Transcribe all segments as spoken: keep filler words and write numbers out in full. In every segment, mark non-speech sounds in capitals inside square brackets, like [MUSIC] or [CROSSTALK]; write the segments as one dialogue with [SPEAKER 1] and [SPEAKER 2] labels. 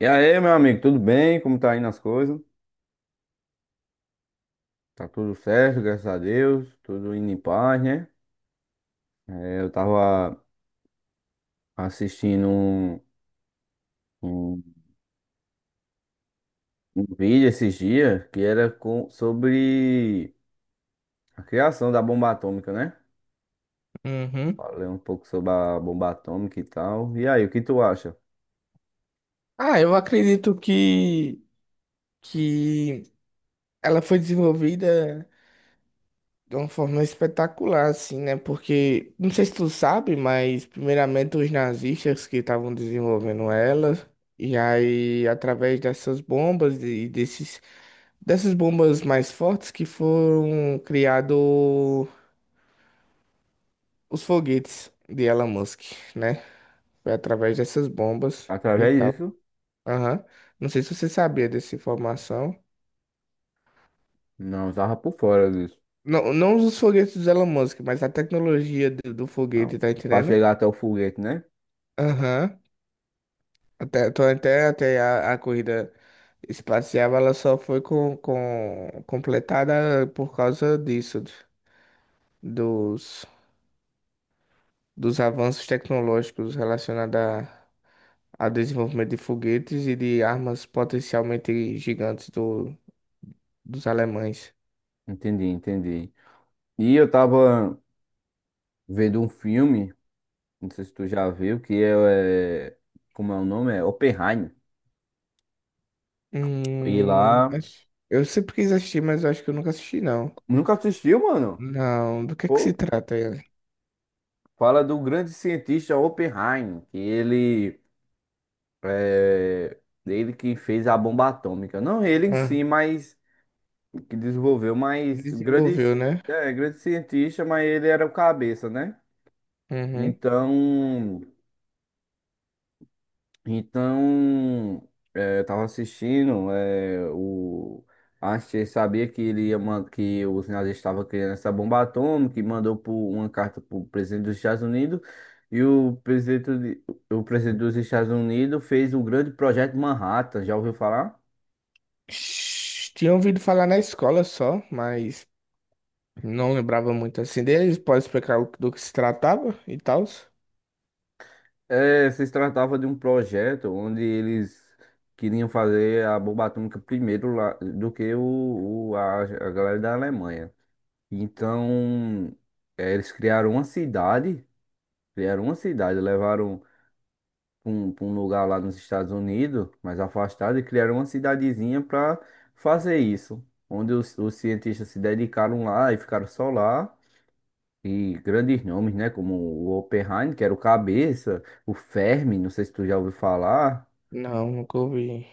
[SPEAKER 1] E aí, meu amigo, tudo bem? Como tá indo as coisas? Tá tudo certo, graças a Deus, tudo indo em paz, né? É, eu tava assistindo um, um, um vídeo esses dias que era com- sobre a criação da bomba atômica, né?
[SPEAKER 2] Uhum.
[SPEAKER 1] Falei um pouco sobre a bomba atômica e tal. E aí, o que tu acha?
[SPEAKER 2] Ah, eu acredito que, que ela foi desenvolvida de uma forma espetacular, assim, né? Porque, não sei se tu sabe, mas primeiramente os nazistas que estavam desenvolvendo ela, e aí através dessas bombas e desses, dessas bombas mais fortes que foram criados os foguetes de Elon Musk, né? Foi através dessas bombas e
[SPEAKER 1] Através
[SPEAKER 2] tal.
[SPEAKER 1] disso?
[SPEAKER 2] Aham. Não sei se você sabia dessa informação.
[SPEAKER 1] Não, eu tava por fora disso.
[SPEAKER 2] Não, não os foguetes do Elon Musk, mas a tecnologia do, do
[SPEAKER 1] Ah,
[SPEAKER 2] foguete, tá
[SPEAKER 1] pra
[SPEAKER 2] entendendo?
[SPEAKER 1] chegar até o foguete, né?
[SPEAKER 2] Aham. Até, tô- até, até a, a corrida espacial, ela só foi com, com, completada por causa disso, dos, dos avanços tecnológicos relacionados a, ao desenvolvimento de foguetes e de armas potencialmente gigantes do, dos alemães.
[SPEAKER 1] Entendi, entendi. E eu tava vendo um filme. Não sei se tu já viu, que é. é- como é o nome? É Oppenheimer. E
[SPEAKER 2] Hum,
[SPEAKER 1] lá.
[SPEAKER 2] acho- eu sempre quis assistir, mas eu acho que eu nunca assisti, não.
[SPEAKER 1] Nunca assistiu, mano?
[SPEAKER 2] Não, do que que se
[SPEAKER 1] Pô,
[SPEAKER 2] trata ele?
[SPEAKER 1] fala do grande cientista Oppenheimer, que ele. É... Ele que fez a bomba atômica. Não ele em si, mas. Que desenvolveu, mas. Grande.
[SPEAKER 2] Desenvolveu, né?
[SPEAKER 1] É, grande cientista, mas ele era o cabeça, né?
[SPEAKER 2] Uhum.
[SPEAKER 1] Então. Então, eh, eu tava assistindo, eh, o Einstein sabia que ele ia man- que os nazistas estavam criando essa bomba atômica e mandou por uma carta para o presidente dos Estados Unidos e o presidente, de- o presidente dos Estados Unidos fez o grande projeto Manhattan, já ouviu falar?
[SPEAKER 2] Sh- Tinha ouvido falar na escola só, mas não lembrava muito assim deles. Pode explicar o- do que se tratava e tal?
[SPEAKER 1] É, se tratava de um projeto onde eles queriam fazer a bomba atômica primeiro lá do que o, o- a, a galera da Alemanha. Então, eh, eles criaram uma cidade, criaram uma cidade, levaram para um, pra um lugar lá nos Estados Unidos, mais afastado, e criaram uma cidadezinha para fazer isso, onde os, os cientistas se dedicaram lá e ficaram só lá. E grandes nomes, né? Como o Oppenheimer, que era o cabeça, o Fermi, não sei se tu já ouviu falar.
[SPEAKER 2] Não, nunca ouvi.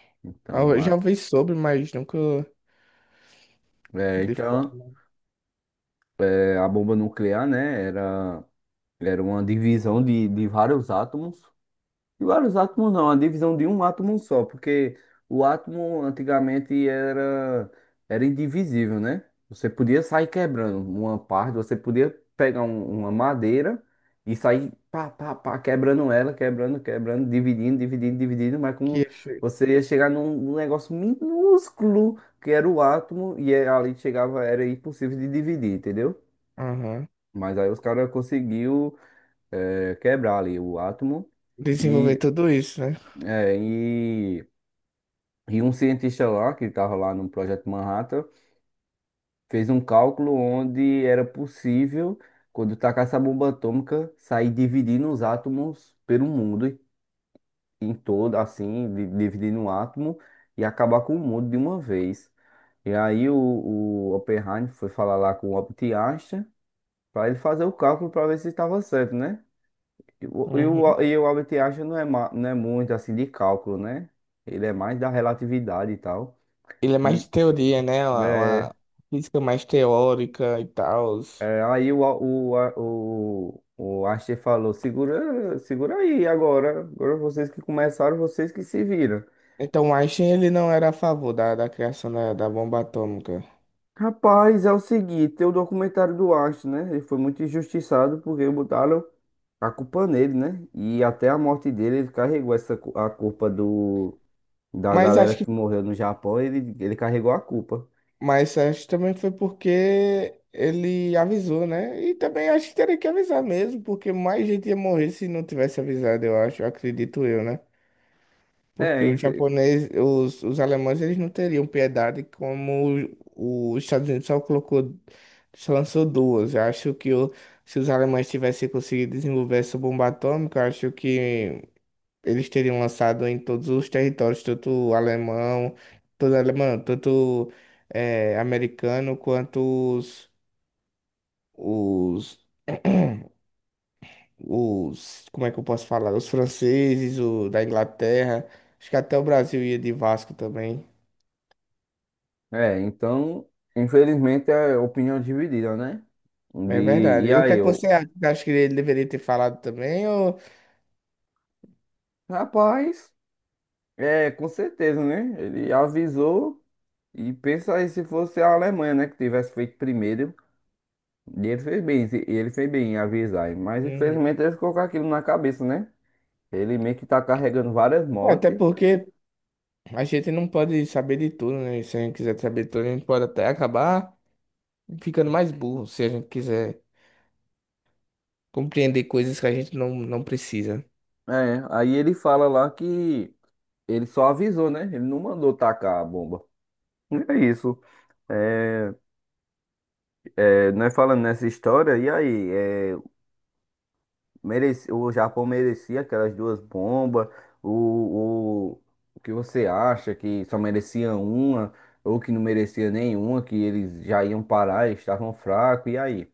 [SPEAKER 2] Ah,
[SPEAKER 1] Então,
[SPEAKER 2] eu
[SPEAKER 1] mas,
[SPEAKER 2] já ouvi sobre, mas nunca
[SPEAKER 1] é,
[SPEAKER 2] de
[SPEAKER 1] então,
[SPEAKER 2] forma
[SPEAKER 1] eh, a bomba nuclear, né? Era, era uma divisão de, de vários átomos. E vários átomos não, a divisão de um átomo só, porque o átomo antigamente era, era indivisível, né? Você podia sair quebrando uma parte, você podia pegar um- uma madeira e sair pá, pá, pá, quebrando ela, quebrando, quebrando, dividindo, dividindo, dividindo, mas
[SPEAKER 2] que
[SPEAKER 1] como
[SPEAKER 2] achei.
[SPEAKER 1] você ia chegar num, num negócio minúsculo que era o átomo e é- ali chegava, era impossível de dividir, entendeu?
[SPEAKER 2] Aham.
[SPEAKER 1] Mas aí os caras conseguiu eh, quebrar ali o átomo.
[SPEAKER 2] Desenvolver
[SPEAKER 1] E
[SPEAKER 2] tudo isso, né?
[SPEAKER 1] é, e, e um cientista lá, que estava lá no Projeto Manhattan, fez um cálculo onde era possível, quando tacasse a bomba atômica, sair dividindo os átomos pelo mundo em todo, assim, di- dividindo um átomo e acabar com o mundo de uma vez. E aí o, o Oppenheimer foi falar lá com o Albert Einstein para ele fazer o cálculo para ver se estava certo, né? E o, e
[SPEAKER 2] Uhum.
[SPEAKER 1] o, e o Albert Einstein não é, ma- não é muito assim de cálculo, né? Ele é mais da relatividade e tal.
[SPEAKER 2] Ele é mais
[SPEAKER 1] E,
[SPEAKER 2] de teoria, né? Uma,
[SPEAKER 1] É,
[SPEAKER 2] uma física mais teórica e tal.
[SPEAKER 1] é, Aí o, o, a- o, o Archie falou, segura, segura aí agora. Agora vocês que começaram, vocês que se viram.
[SPEAKER 2] Então, Einstein ele não era a favor da, da criação da, da bomba atômica.
[SPEAKER 1] Rapaz, é o seguinte, tem o documentário do Archie, né? Ele foi muito injustiçado porque botaram a culpa nele, né? E até a morte dele, ele carregou essa, cu- a culpa do, da
[SPEAKER 2] Mas
[SPEAKER 1] galera
[SPEAKER 2] acho
[SPEAKER 1] que morreu no Japão, ele, ele carregou a culpa.
[SPEAKER 2] Mas acho também foi porque ele avisou, né? E também acho que teria que avisar mesmo, porque mais gente ia morrer se não tivesse avisado, eu acho, acredito eu, né?
[SPEAKER 1] É,
[SPEAKER 2] Porque os
[SPEAKER 1] infe-
[SPEAKER 2] japoneses, os, os alemães, eles não teriam piedade como o- os Estados Unidos só colocou, só lançou duas. Eu acho que o- Se os alemães tivessem conseguido desenvolver essa bomba atômica, eu acho que eles teriam lançado em todos os territórios, tanto alemão, todo alemão, tanto eh, americano, quanto os, os, [CLEARS THROAT] os, como é que eu posso falar? Os franceses, o da Inglaterra, acho que até o Brasil ia de Vasco também.
[SPEAKER 1] é, então, infelizmente é opinião dividida, né?
[SPEAKER 2] É
[SPEAKER 1] De,
[SPEAKER 2] verdade.
[SPEAKER 1] e
[SPEAKER 2] E o que é
[SPEAKER 1] aí,
[SPEAKER 2] que você acha? Você acha que ele deveria ter falado também? Ou...
[SPEAKER 1] Rapaz, é, com certeza, né? Ele avisou e pensa aí se fosse a Alemanha, né, que tivesse feito primeiro. E ele fez bem, e ele fez bem em avisar. Mas
[SPEAKER 2] Uhum.
[SPEAKER 1] infelizmente eles colocaram aquilo na cabeça, né? Ele meio que tá carregando várias
[SPEAKER 2] Até
[SPEAKER 1] mortes.
[SPEAKER 2] porque a gente não pode saber de tudo, né? Se a gente quiser saber de tudo, a gente pode até acabar ficando mais burro, se a gente quiser compreender coisas que a gente não, não precisa.
[SPEAKER 1] É, aí ele fala lá que ele só avisou, né? Ele não mandou tacar a bomba. E é isso. É, é, nós falando nessa história, e aí? É, Mereci, o Japão merecia aquelas duas bombas. O, o, o que você acha que só merecia uma ou que não merecia nenhuma, que eles já iam parar, eles estavam fracos, e aí?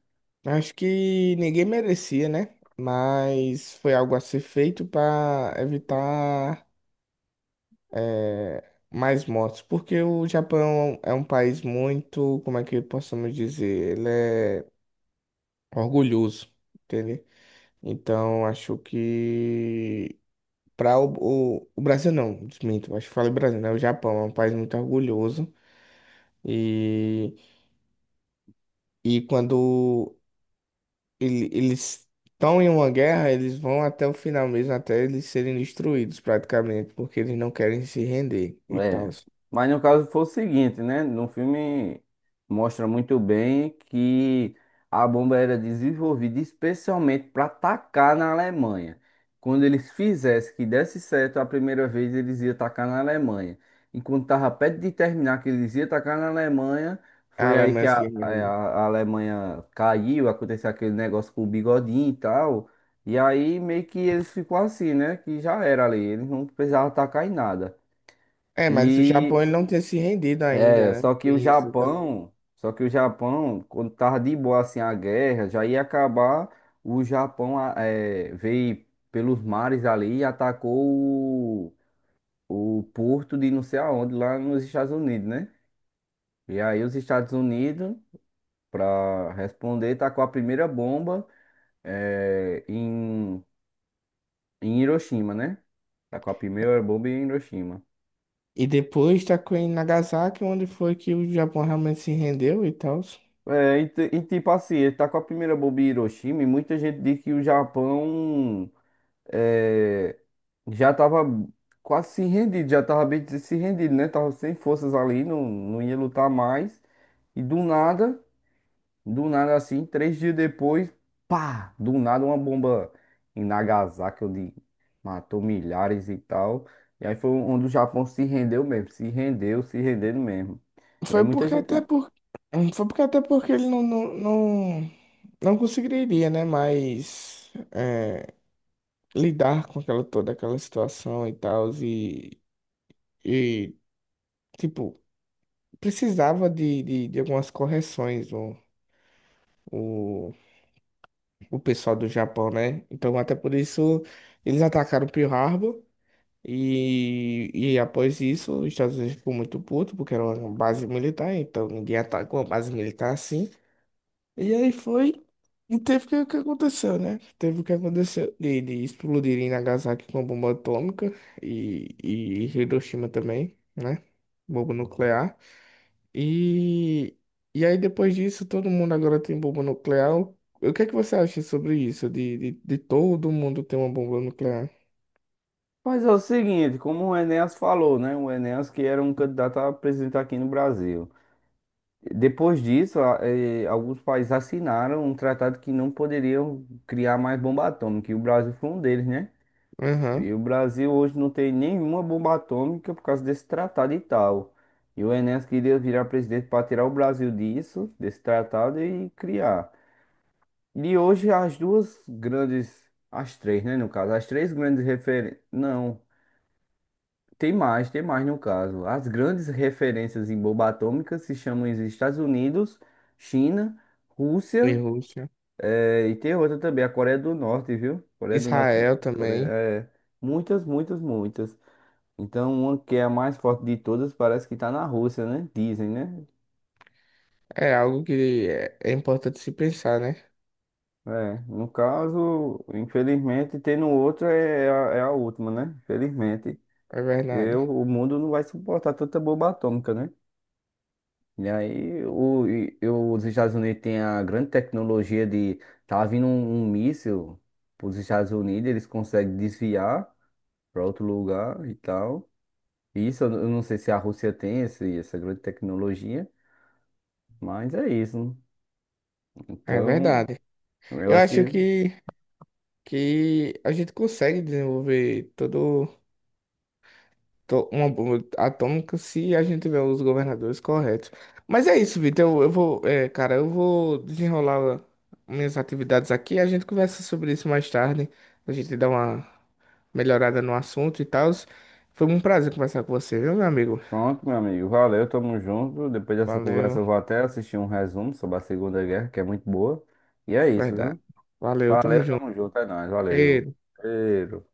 [SPEAKER 2] Acho que ninguém merecia, né? Mas foi algo a ser feito para evitar eh, mais mortes, porque o Japão é um país muito, como é que possamos dizer, ele é orgulhoso, entende? Então acho que para o, o, o Brasil não, desminto, acho que falei Brasil, né? O Japão é um país muito orgulhoso e e quando ele- eles estão em uma guerra, eles vão até o final mesmo, até eles serem destruídos praticamente, porque eles não querem se render e tal.
[SPEAKER 1] É, mas no caso foi o seguinte, né? No filme mostra muito bem que a bomba era desenvolvida especialmente para atacar na Alemanha. Quando eles fizessem que desse certo a primeira vez, eles iam atacar na Alemanha. Enquanto estava perto de terminar que eles iam atacar na Alemanha,
[SPEAKER 2] A
[SPEAKER 1] foi aí que
[SPEAKER 2] Alemanha se
[SPEAKER 1] a, é, a-
[SPEAKER 2] rende.
[SPEAKER 1] a Alemanha caiu, aconteceu aquele negócio com o Bigodinho e tal. E aí meio que eles ficou assim, né? Que já era ali, eles não precisavam atacar em nada.
[SPEAKER 2] É, mas o
[SPEAKER 1] E
[SPEAKER 2] Japão ele não tinha se rendido
[SPEAKER 1] é,
[SPEAKER 2] ainda, né?
[SPEAKER 1] só que o
[SPEAKER 2] Tem isso também.
[SPEAKER 1] Japão, só que o Japão, quando tava de boa assim a guerra, já ia acabar, o Japão a- é, veio pelos mares ali e atacou o, o porto de não sei aonde, lá nos Estados Unidos, né? E aí os Estados Unidos, para responder, tacou a primeira bomba é, em, em Hiroshima, né? Tacou a primeira bomba em Hiroshima.
[SPEAKER 2] E depois está em Nagasaki, onde foi que o Japão realmente se rendeu e tal.
[SPEAKER 1] É, e, ti- e tipo assim, ele tá com a primeira bomba em Hiroshima e muita gente diz que o Japão é, já tava quase se rendido, já tava bem des- se rendido, né? Tava sem forças ali, não, não ia lutar mais. E do nada, do nada assim, três dias depois, pá, do nada uma bomba em Nagasaki, onde matou milhares e tal. E aí foi onde o Japão se rendeu mesmo, se rendeu, se rendendo mesmo. E aí
[SPEAKER 2] Foi
[SPEAKER 1] muita
[SPEAKER 2] porque até
[SPEAKER 1] gente.
[SPEAKER 2] por... Foi porque até porque ele não, não, não, não conseguiria, né? Mas é, lidar com aquela toda aquela situação e tal. E E, tipo, precisava de, de, de algumas correções o, o, o pessoal do Japão, né? Então, até por isso, eles atacaram Pearl Harbor. E, e após isso, os Estados Unidos ficou muito puto, porque era uma base militar, então ninguém atacou uma base militar assim. E aí foi. E teve o que, o que aconteceu, né? Teve o que aconteceu de, de explodirem Nagasaki com a bomba atômica e, e Hiroshima também, né? Bomba nuclear. E, e aí, depois disso, todo mundo agora tem bomba nuclear. O o que é que você acha sobre isso? De, de, de todo mundo ter uma bomba nuclear?
[SPEAKER 1] Mas é o seguinte, como o Enéas falou, né? O Enéas que era um candidato a presidente aqui no Brasil. Depois disso, a- eh, alguns países assinaram um tratado que não poderiam criar mais bomba atômica, e o Brasil foi um deles, né?
[SPEAKER 2] Aham.
[SPEAKER 1] E o Brasil hoje não tem nenhuma bomba atômica por causa desse tratado e tal. E o Enéas queria virar presidente para tirar o Brasil disso, desse tratado e criar. E hoje as duas grandes, as três, né, no caso, as três grandes referências, não. Tem mais, tem mais no caso. As grandes referências em bomba atômica se chamam os Estados Unidos, China,
[SPEAKER 2] E
[SPEAKER 1] Rússia,
[SPEAKER 2] Rússia.
[SPEAKER 1] eh, e tem outra também, a Coreia do Norte, viu? Coreia do Norte,
[SPEAKER 2] Israel
[SPEAKER 1] Coreia,
[SPEAKER 2] também.
[SPEAKER 1] é, muitas, muitas, muitas. Então, uma que é a mais forte de todas parece que está na Rússia, né? Dizem, né?
[SPEAKER 2] É algo que é, é importante se pensar, né?
[SPEAKER 1] É, no caso, infelizmente, tendo outra é é a, é a última, né? Infelizmente,
[SPEAKER 2] É
[SPEAKER 1] porque
[SPEAKER 2] verdade.
[SPEAKER 1] o, o mundo não vai suportar tanta bomba atômica, né? E aí, o, e- eu- os Estados Unidos têm a grande tecnologia de. Tá vindo um, um míssil para os Estados Unidos, eles conseguem desviar para outro lugar e tal. Isso eu n- eu não sei se a Rússia tem esse, essa grande tecnologia, mas é isso.
[SPEAKER 2] É
[SPEAKER 1] Então,
[SPEAKER 2] verdade.
[SPEAKER 1] eu
[SPEAKER 2] Eu
[SPEAKER 1] acho que.
[SPEAKER 2] acho que, que a gente consegue desenvolver todo. To- uma bomba atômica se a gente tiver os governadores corretos. Mas é isso, Vitor. Eu, eu vou, é, cara, eu vou desenrolar minhas atividades aqui. A gente conversa sobre isso mais tarde. A gente dá uma melhorada no assunto e tal. Foi um prazer conversar com você, viu, meu amigo?
[SPEAKER 1] Pronto, meu amigo. Valeu, tamo junto. Depois dessa conversa,
[SPEAKER 2] Valeu,
[SPEAKER 1] eu vou até assistir um resumo sobre a Segunda Guerra, que é muito boa. E é isso,
[SPEAKER 2] verdade.
[SPEAKER 1] viu?
[SPEAKER 2] Valeu, tamo
[SPEAKER 1] Valeu,
[SPEAKER 2] junto.
[SPEAKER 1] tamo junto, é nóis, valeu.
[SPEAKER 2] Cheiro.
[SPEAKER 1] Cheiro.